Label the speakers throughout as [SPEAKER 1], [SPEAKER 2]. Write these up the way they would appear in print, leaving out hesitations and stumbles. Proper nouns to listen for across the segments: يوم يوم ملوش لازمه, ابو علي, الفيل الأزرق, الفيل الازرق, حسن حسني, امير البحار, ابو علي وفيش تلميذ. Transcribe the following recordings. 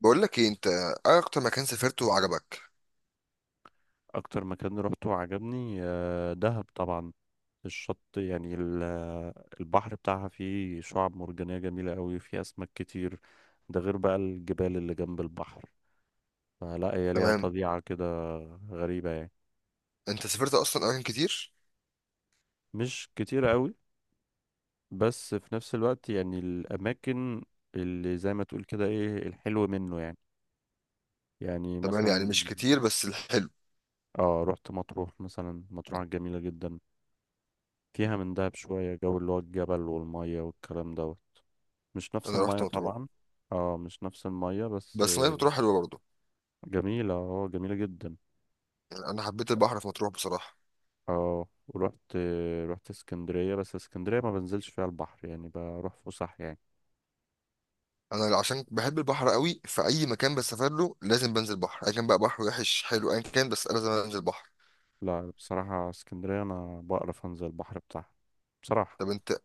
[SPEAKER 1] بقول لك ايه؟ انت ايه اكتر مكان سافرته وعجبك؟
[SPEAKER 2] اكتر مكان روحته وعجبني، دهب طبعا. الشط يعني البحر بتاعها فيه شعاب مرجانية جميلة قوي، فيه اسماك كتير. ده غير بقى الجبال اللي جنب البحر. فلا، هي ليها
[SPEAKER 1] تمام.
[SPEAKER 2] طبيعة كده غريبة يعني.
[SPEAKER 1] انت سافرت اصلا اماكن كتير؟
[SPEAKER 2] مش كتير قوي، بس في نفس الوقت يعني الاماكن اللي زي ما تقول كده ايه الحلو منه يعني يعني
[SPEAKER 1] تمام، يعني
[SPEAKER 2] مثلا،
[SPEAKER 1] مش كتير بس الحلو.
[SPEAKER 2] اه رحت مطروح مثلا. مطروح جميلة جدا، فيها من دهب شوية جو، اللي هو الجبل والمية والكلام ده. مش نفس
[SPEAKER 1] انا
[SPEAKER 2] المية
[SPEAKER 1] رحت مطروح.
[SPEAKER 2] طبعا. اه مش نفس المية، بس
[SPEAKER 1] بس ميه مطروح حلوه برضه.
[SPEAKER 2] جميلة، جميلة جدا.
[SPEAKER 1] يعني انا حبيت البحر في مطروح بصراحه.
[SPEAKER 2] اه ورحت آه، رحت اسكندرية، بس اسكندرية ما بنزلش فيها البحر يعني، بروح فسح يعني.
[SPEAKER 1] انا عشان بحب البحر قوي في اي مكان بسافر له لازم بنزل بحر ايا كان، بقى بحر وحش حلو ايا كان، بس انا لازم انزل بحر.
[SPEAKER 2] لا بصراحة اسكندرية انا بقرف انزل البحر بتاعها، بصراحة.
[SPEAKER 1] طب انت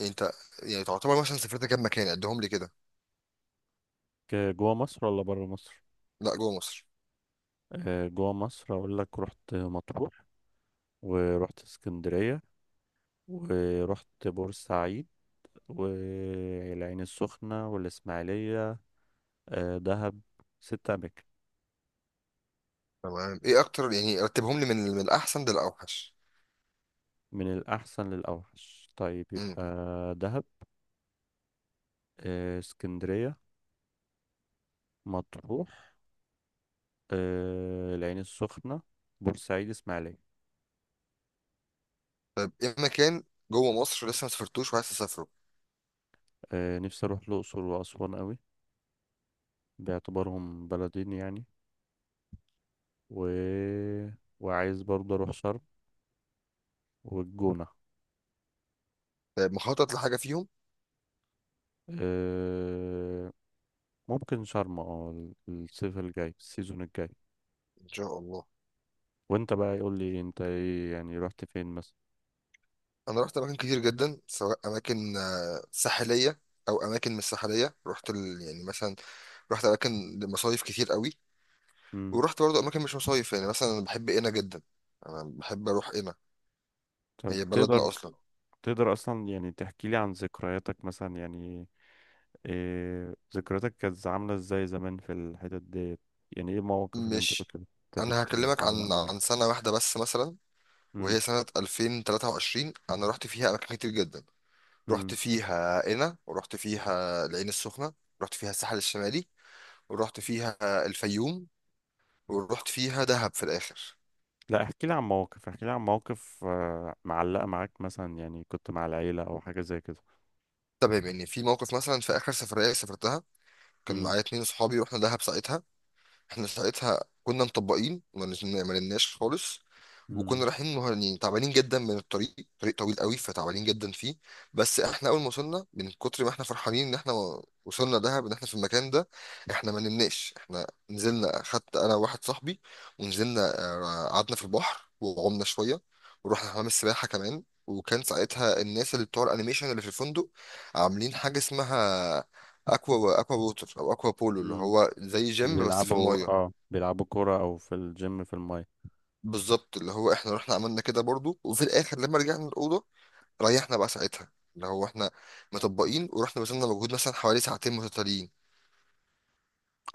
[SPEAKER 1] انت يعني تعتبر مثلا سافرت كام مكان؟ عدهم لي كده.
[SPEAKER 2] جوا مصر ولا برا مصر؟
[SPEAKER 1] لا، جوه مصر.
[SPEAKER 2] جوا مصر اقول لك: رحت مطروح، ورحت اسكندرية، ورحت بورسعيد، والعين السخنة، والإسماعيلية، دهب. ست أماكن.
[SPEAKER 1] تمام. ايه اكتر؟ يعني رتبهم لي من الاحسن للاوحش.
[SPEAKER 2] من الأحسن للأوحش، طيب، يبقى
[SPEAKER 1] امم
[SPEAKER 2] دهب، اسكندرية، مطروح، العين السخنة، بورسعيد، اسماعيلية.
[SPEAKER 1] طيب، ايه مكان جوه مصر لسه ما سافرتوش وعايز تسافره؟
[SPEAKER 2] نفسي أروح الأقصر وأسوان أوي، باعتبارهم بلدين يعني. و... وعايز برضه أروح شرم والجونة.
[SPEAKER 1] طيب، مخطط لحاجة فيهم؟
[SPEAKER 2] آه، ممكن شرم. الصيف الجاي، السيزون الجاي.
[SPEAKER 1] إن شاء الله.
[SPEAKER 2] وانت بقى يقول لي انت ايه يعني، رحت فين مثلا؟
[SPEAKER 1] أنا رحت أماكن كتير جدا، سواء أماكن ساحلية أو أماكن مش ساحلية. رحت يعني مثلا رحت أماكن لمصايف كتير قوي.
[SPEAKER 2] مم.
[SPEAKER 1] ورحت برضه أماكن مش مصايف، يعني مثلا أنا بحب قنا جدا. أنا بحب أروح قنا.
[SPEAKER 2] طب
[SPEAKER 1] هي بلدنا أصلا.
[SPEAKER 2] تقدر اصلا يعني تحكي لي عن ذكرياتك مثلا يعني، إيه ذكرياتك كانت عاملة ازاي زمان في الحتت ديت؟ يعني ايه المواقف اللي انت
[SPEAKER 1] مش
[SPEAKER 2] كنت
[SPEAKER 1] أنا هكلمك
[SPEAKER 2] بتعلق
[SPEAKER 1] عن
[SPEAKER 2] معاك؟
[SPEAKER 1] سنة واحدة بس مثلا،
[SPEAKER 2] امم.
[SPEAKER 1] وهي سنة 2023. أنا رحت فيها أماكن كتير جدا. رحت
[SPEAKER 2] امم.
[SPEAKER 1] فيها قنا، ورحت فيها العين السخنة، رحت فيها الساحل الشمالي، ورحت فيها الفيوم، ورحت فيها دهب في الاخر.
[SPEAKER 2] لا، احكي لي عن مواقف معلقة معاك مثلا، يعني كنت مع العيلة او حاجة زي كده.
[SPEAKER 1] تمام. يعني في موقف مثلا في اخر سفريه سافرتها، كان
[SPEAKER 2] امم.
[SPEAKER 1] معايا اتنين صحابي، رحنا دهب ساعتها. احنا ساعتها كنا مطبقين، ما نمناش خالص. وكنا
[SPEAKER 2] امم.
[SPEAKER 1] رايحين يعني تعبانين جدا من الطريق، طريق طويل قوي، فتعبانين جدا فيه. بس احنا اول ما وصلنا، من كتر ما احنا فرحانين ان احنا وصلنا دهب، ان احنا في المكان ده، احنا ما نمناش. احنا نزلنا، خدت انا وواحد صاحبي ونزلنا، قعدنا في البحر وعمنا شويه. ورحنا حمام السباحه كمان. وكان ساعتها الناس اللي بتوع الانيميشن اللي في الفندق عاملين حاجه اسمها اكوا اكوا ووتر او اكوا بولو، اللي
[SPEAKER 2] امم.
[SPEAKER 1] هو زي
[SPEAKER 2] اللي
[SPEAKER 1] جيم بس في المايه.
[SPEAKER 2] بيلعبوا كورة او في الجيم في الماية.
[SPEAKER 1] بالظبط، اللي هو احنا رحنا عملنا كده برضو. وفي الاخر لما رجعنا الاوضه، ريحنا بقى ساعتها، اللي هو احنا مطبقين ورحنا بذلنا مجهود مثلا حوالي ساعتين متتاليين.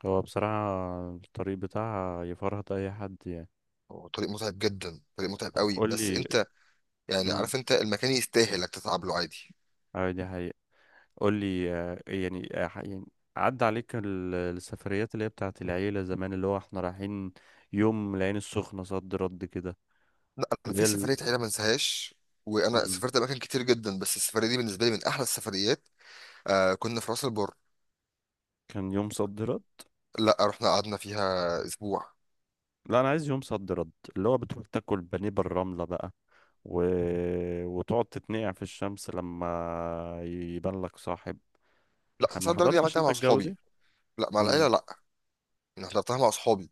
[SPEAKER 2] هو بصراحة الطريق بتاعها يفرهد اي حد يعني.
[SPEAKER 1] هو طريق متعب جدا، طريق متعب
[SPEAKER 2] طب
[SPEAKER 1] قوي،
[SPEAKER 2] قول
[SPEAKER 1] بس
[SPEAKER 2] لي.
[SPEAKER 1] انت يعني
[SPEAKER 2] امم.
[SPEAKER 1] عارف انت المكان يستاهل انك تتعب له، عادي.
[SPEAKER 2] اه، دي حقيقة. قول لي، يعني، يعني عدى عليك السفريات اللي هي بتاعت العيلة زمان، اللي هو احنا رايحين يوم العين السخنة، صد رد كده.
[SPEAKER 1] لا، انا
[SPEAKER 2] اللي هي
[SPEAKER 1] في
[SPEAKER 2] ال...
[SPEAKER 1] سفريه عيله ما انساهاش. وانا
[SPEAKER 2] مم.
[SPEAKER 1] سافرت اماكن كتير جدا، بس السفريه دي بالنسبه لي من احلى السفريات. كنا في راس البر.
[SPEAKER 2] كان يوم صد رد.
[SPEAKER 1] لا، رحنا قعدنا فيها اسبوع.
[SPEAKER 2] لا، انا عايز يوم صد رد اللي هو بتروح تاكل بانيه بالرملة بقى، و... وتقعد تتنقع في الشمس لما يبان لك صاحب.
[SPEAKER 1] لا،
[SPEAKER 2] ما
[SPEAKER 1] صدر دي
[SPEAKER 2] حضرتش
[SPEAKER 1] عملتها
[SPEAKER 2] انت
[SPEAKER 1] مع
[SPEAKER 2] الجو دي؟
[SPEAKER 1] اصحابي. لا، مع العيله
[SPEAKER 2] مم.
[SPEAKER 1] لا. انا حضرتها مع اصحابي،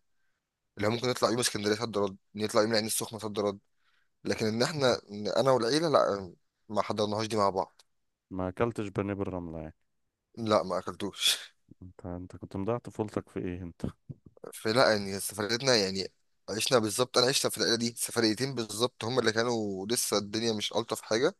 [SPEAKER 1] اللي هو ممكن نطلع يوم اسكندريه صد رد، نطلع يوم العين السخنه صد رد. لكن ان احنا، انا والعيله، لا. ما حضرناهاش دي مع بعض.
[SPEAKER 2] ما اكلتش بانيه بالرملة يعني؟
[SPEAKER 1] لا، ما اكلتوش.
[SPEAKER 2] انت كنت مضيع طفولتك في ايه انت؟
[SPEAKER 1] فلا، يعني سفريتنا يعني عشنا بالظبط. انا عشت في العيله دي سفريتين بالظبط، هم اللي كانوا لسه الدنيا مش الطف حاجه.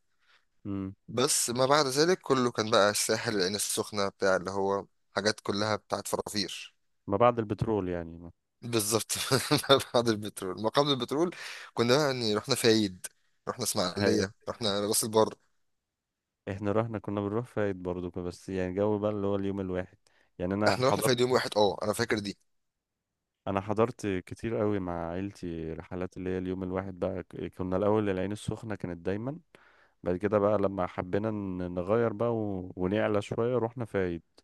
[SPEAKER 2] مم.
[SPEAKER 1] بس ما بعد ذلك كله كان بقى الساحل، العين السخنه، بتاع اللي هو حاجات كلها بتاعت فرافير.
[SPEAKER 2] ما بعد البترول يعني.
[SPEAKER 1] بالظبط. ما بعد البترول، ما قبل البترول كنا بقى يعني رحنا فايد، رحنا
[SPEAKER 2] ما.
[SPEAKER 1] اسماعيليه، رحنا راس البر.
[SPEAKER 2] احنا رحنا كنا بنروح فايت برضو. بس يعني جو بقى اللي هو اليوم الواحد، يعني
[SPEAKER 1] احنا رحنا فايد يوم واحد، اه، انا فاكر دي.
[SPEAKER 2] انا حضرت كتير قوي مع عيلتي رحلات اللي هي اليوم الواحد بقى. كنا الاول العين السخنة كانت دايما، بعد كده بقى لما حبينا نغير بقى ونعلى شوية رحنا فايت.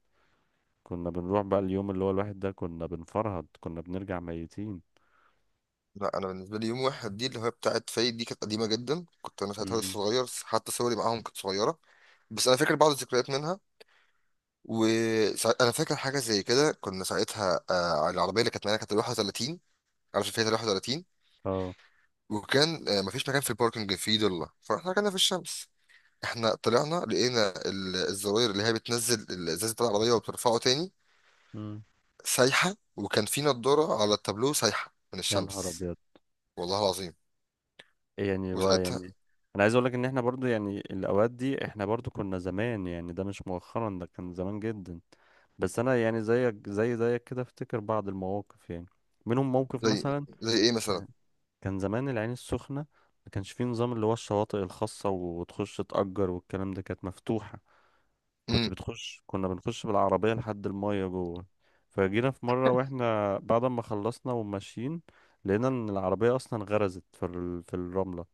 [SPEAKER 2] كنا بنروح بقى اليوم اللي هو الواحد ده، كنا بنفرهد، كنا بنرجع ميتين.
[SPEAKER 1] لا، انا بالنسبه لي يوم واحد دي اللي هي بتاعت فايد دي كانت قديمه جدا، كنت انا ساعتها لسه
[SPEAKER 2] امم.
[SPEAKER 1] صغير، حتى صوري معاهم كانت صغيره. بس انا فاكر بعض الذكريات منها. وانا فاكر حاجه زي كده، كنا ساعتها على العربيه اللي كانت معانا، كانت ال 31. عارف فيها 31؟
[SPEAKER 2] اه.
[SPEAKER 1] وكان مفيش مكان في الباركنج في ضله، فاحنا كنا في الشمس. احنا طلعنا لقينا الزراير اللي هي بتنزل الازاز بتاع العربيه وبترفعه تاني
[SPEAKER 2] امم.
[SPEAKER 1] سايحه، وكان في نضاره على التابلو سايحه من
[SPEAKER 2] يا نهار
[SPEAKER 1] الشمس.
[SPEAKER 2] ابيض!
[SPEAKER 1] والله العظيم.
[SPEAKER 2] إيه يعني بقى
[SPEAKER 1] وساعتها
[SPEAKER 2] يعني؟ انا عايز اقول لك ان احنا برضو يعني الاوقات دي احنا برضو كنا زمان يعني، ده مش مؤخرا، ده كان زمان جدا. بس انا يعني، زيك كده افتكر بعض المواقف يعني، منهم موقف
[SPEAKER 1] زي
[SPEAKER 2] مثلا.
[SPEAKER 1] زي ايه مثلا؟
[SPEAKER 2] كان كان زمان العين السخنة ما كانش فيه نظام اللي هو الشواطئ الخاصة، وتخش تأجر والكلام ده، كانت مفتوحة. كنت
[SPEAKER 1] إمم.
[SPEAKER 2] بتخش كنا بنخش بالعربية لحد المية جوه. فجينا في مرة واحنا بعد ما خلصنا وماشيين، لقينا ان العربية اصلا غرزت في الرملة.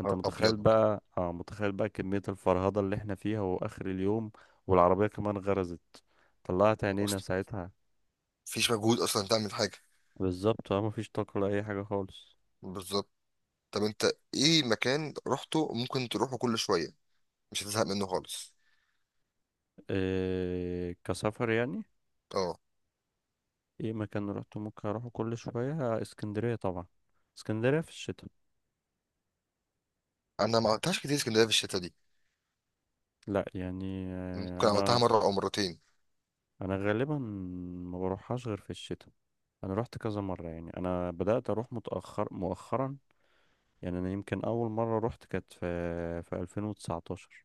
[SPEAKER 2] انت متخيل
[SPEAKER 1] ابيض.
[SPEAKER 2] بقى، متخيل بقى كمية الفرهدة اللي احنا فيها واخر اليوم، والعربية كمان غرزت. طلعت عينينا
[SPEAKER 1] اصلا
[SPEAKER 2] ساعتها.
[SPEAKER 1] مفيش مجهود اصلا تعمل حاجه.
[SPEAKER 2] بالظبط، اه، مفيش طاقة لأي حاجة خالص.
[SPEAKER 1] بالظبط. طب انت، ايه مكان رحته ممكن تروحه كل شويه مش هتزهق منه خالص؟
[SPEAKER 2] إيه كسفر يعني؟
[SPEAKER 1] اه.
[SPEAKER 2] ايه مكان روحته ممكن اروحه كل شوية؟ اسكندرية طبعا، اسكندرية في الشتاء.
[SPEAKER 1] انا ما عملتهاش كتير اسكندريه في الشتا دي.
[SPEAKER 2] لا يعني
[SPEAKER 1] ممكن عملتها
[SPEAKER 2] انا،
[SPEAKER 1] مره او مرتين.
[SPEAKER 2] انا غالبا ما بروحهاش غير في الشتاء. انا روحت كذا مرة يعني، انا بدأت اروح متأخر مؤخرا. يعني انا يمكن اول مرة روحت كانت في 2019.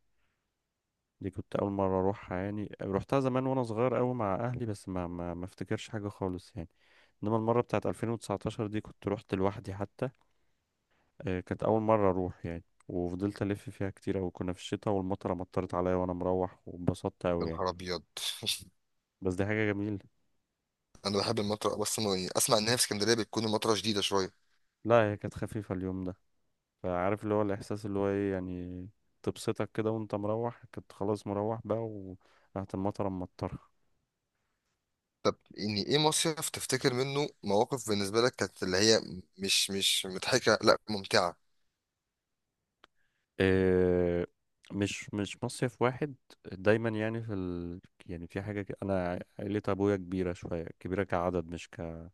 [SPEAKER 2] دي كنت اول مره اروحها يعني، روحتها زمان وانا صغير قوي مع اهلي، بس ما افتكرش حاجه خالص يعني. انما المره بتاعت 2019 دي كنت روحت لوحدي حتى. كانت اول مره اروح يعني، وفضلت الف فيها كتير أوي. كنا في الشتاء والمطره مطرت عليا وانا مروح، واتبسطت
[SPEAKER 1] يا
[SPEAKER 2] قوي يعني.
[SPEAKER 1] نهار ابيض.
[SPEAKER 2] بس دي حاجه جميله.
[SPEAKER 1] انا بحب المطره، بس يعني اسمع ان هي في اسكندريه بتكون المطره شديده شويه.
[SPEAKER 2] لا هي كانت خفيفه اليوم ده، فعارف اللي هو الاحساس اللي هو ايه يعني؟ تبسطك كده وانت مروح. كنت خلاص مروح بقى وراحت المطره مطرة.
[SPEAKER 1] طب يعني ايه مصيف تفتكر منه مواقف بالنسبه لك كانت اللي هي مش مضحكه، لا، ممتعه؟
[SPEAKER 2] آه، مش مصيف واحد. دايما يعني يعني في حاجة كده. أنا عيلة أبويا كبيرة شوية، كبيرة كعدد مش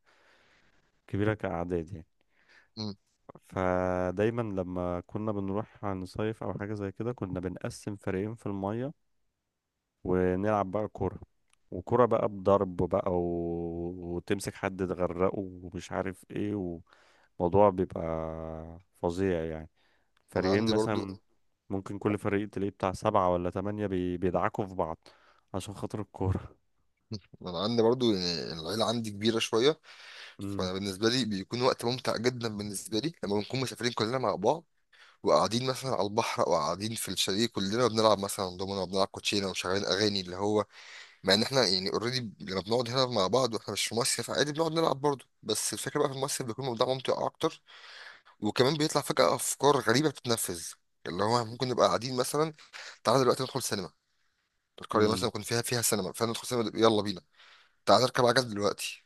[SPEAKER 2] كبيرة كأعداد يعني.
[SPEAKER 1] مم.
[SPEAKER 2] فدايما لما كنا بنروح نصيف أو حاجة زي كده، كنا بنقسم فريقين في المية، ونلعب بقى كورة، وكرة بقى بضرب بقى، وتمسك حد تغرقه ومش عارف ايه، وموضوع بيبقى فظيع يعني.
[SPEAKER 1] انا
[SPEAKER 2] فريقين
[SPEAKER 1] عندي برضو
[SPEAKER 2] مثلا، ممكن كل فريق تلاقيه بتاع سبعة ولا تمانية، بيدعكوا في بعض عشان خاطر الكورة.
[SPEAKER 1] انا عندي برضو يعني العيله عندي كبيره شويه.
[SPEAKER 2] امم.
[SPEAKER 1] وانا بالنسبه لي بيكون وقت ممتع جدا بالنسبه لي لما بنكون مسافرين كلنا مع بعض، وقاعدين مثلا على البحر او قاعدين في الشاليه، كلنا بنلعب مثلا دومنا وبنلعب كوتشينه ومشغلين اغاني. اللي هو مع ان احنا يعني اوريدي لما بنقعد هنا مع بعض واحنا مش في مصيف عادي بنقعد نلعب برضه، بس الفكره بقى في المصيف بيكون الموضوع ممتع اكتر. وكمان بيطلع فجاه افكار غريبه بتتنفذ، اللي هو ممكن نبقى قاعدين مثلا، تعالى دلوقتي ندخل سينما، القريه مثلا
[SPEAKER 2] امم.
[SPEAKER 1] يكون فيها سينما، فندخل سينما، يلا بينا. تعالى نركب عجل دلوقتي.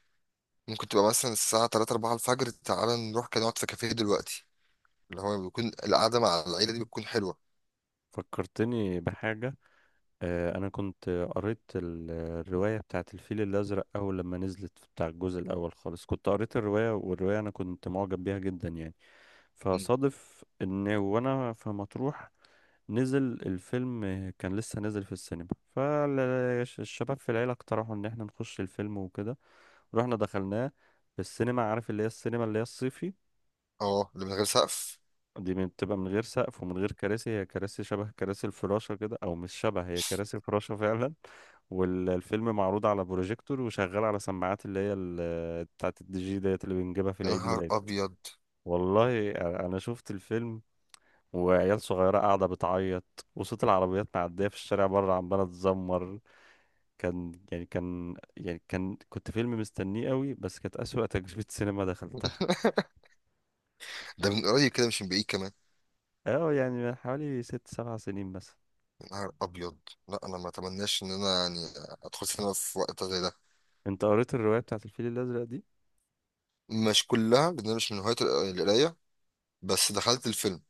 [SPEAKER 1] ممكن تبقى مثلا الساعة 3 4 الفجر، تعالى نروح كده نقعد في كافيه دلوقتي. اللي هو بيكون القعدة مع العيلة دي بتكون حلوة.
[SPEAKER 2] فكرتني بحاجة. أنا كنت قريت الرواية بتاعت الفيل الأزرق، أول لما نزلت بتاع الجزء الأول خالص، كنت قريت الرواية، والرواية أنا كنت معجب بيها جدا يعني.
[SPEAKER 1] مم.
[SPEAKER 2] فصادف إن وأنا في مطروح نزل الفيلم، كان لسه نازل في السينما. فالشباب في العيلة اقترحوا ان احنا نخش الفيلم وكده. رحنا دخلناه في السينما. عارف اللي هي السينما اللي هي الصيفي؟
[SPEAKER 1] اه، اللي من غير سقف.
[SPEAKER 2] دي بتبقى من غير سقف ومن غير كراسي، هي كراسي شبه كراسي الفراشة كده، او مش شبه، هي كراسي فراشة فعلا. والفيلم معروض على بروجيكتور، وشغال على سماعات اللي هي بتاعت الدي جي ديت اللي بنجيبها في
[SPEAKER 1] يا
[SPEAKER 2] العيد
[SPEAKER 1] نهار
[SPEAKER 2] ميلاد.
[SPEAKER 1] أبيض.
[SPEAKER 2] والله انا شفت الفيلم وعيال صغيرة قاعدة بتعيط، وصوت العربيات معدية في الشارع بره عمالة تزمر. كان يعني كان يعني كان كنت فيلم مستنيه قوي، بس كانت أسوأ تجربة سينما دخلتها.
[SPEAKER 1] ده من قريب كده مش من بعيد كمان.
[SPEAKER 2] اه يعني من حوالي 6 7 سنين مثلا.
[SPEAKER 1] يا نهار أبيض. لا، أنا ما أتمناش إن أنا يعني أدخل سينما في وقت زي ده.
[SPEAKER 2] انت قريت الرواية بتاعت الفيل الأزرق دي؟
[SPEAKER 1] مش كلها، لأن أنا مش من هواية القراية. بس دخلت الفيلم.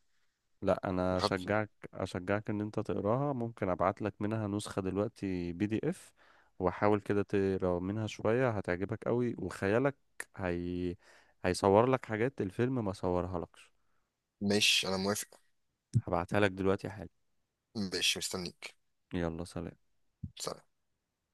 [SPEAKER 2] لا، انا
[SPEAKER 1] دخلت.
[SPEAKER 2] اشجعك ان انت تقراها. ممكن ابعت لك منها نسخة دلوقتي PDF. وحاول كده تقرا منها شوية، هتعجبك قوي. وخيالك هي هيصور لك حاجات الفيلم ما صورها لكش.
[SPEAKER 1] ماشي، أنا موافق.
[SPEAKER 2] هبعتها لك دلوقتي حالا.
[SPEAKER 1] ماشي، مستنيك.
[SPEAKER 2] يلا سلام.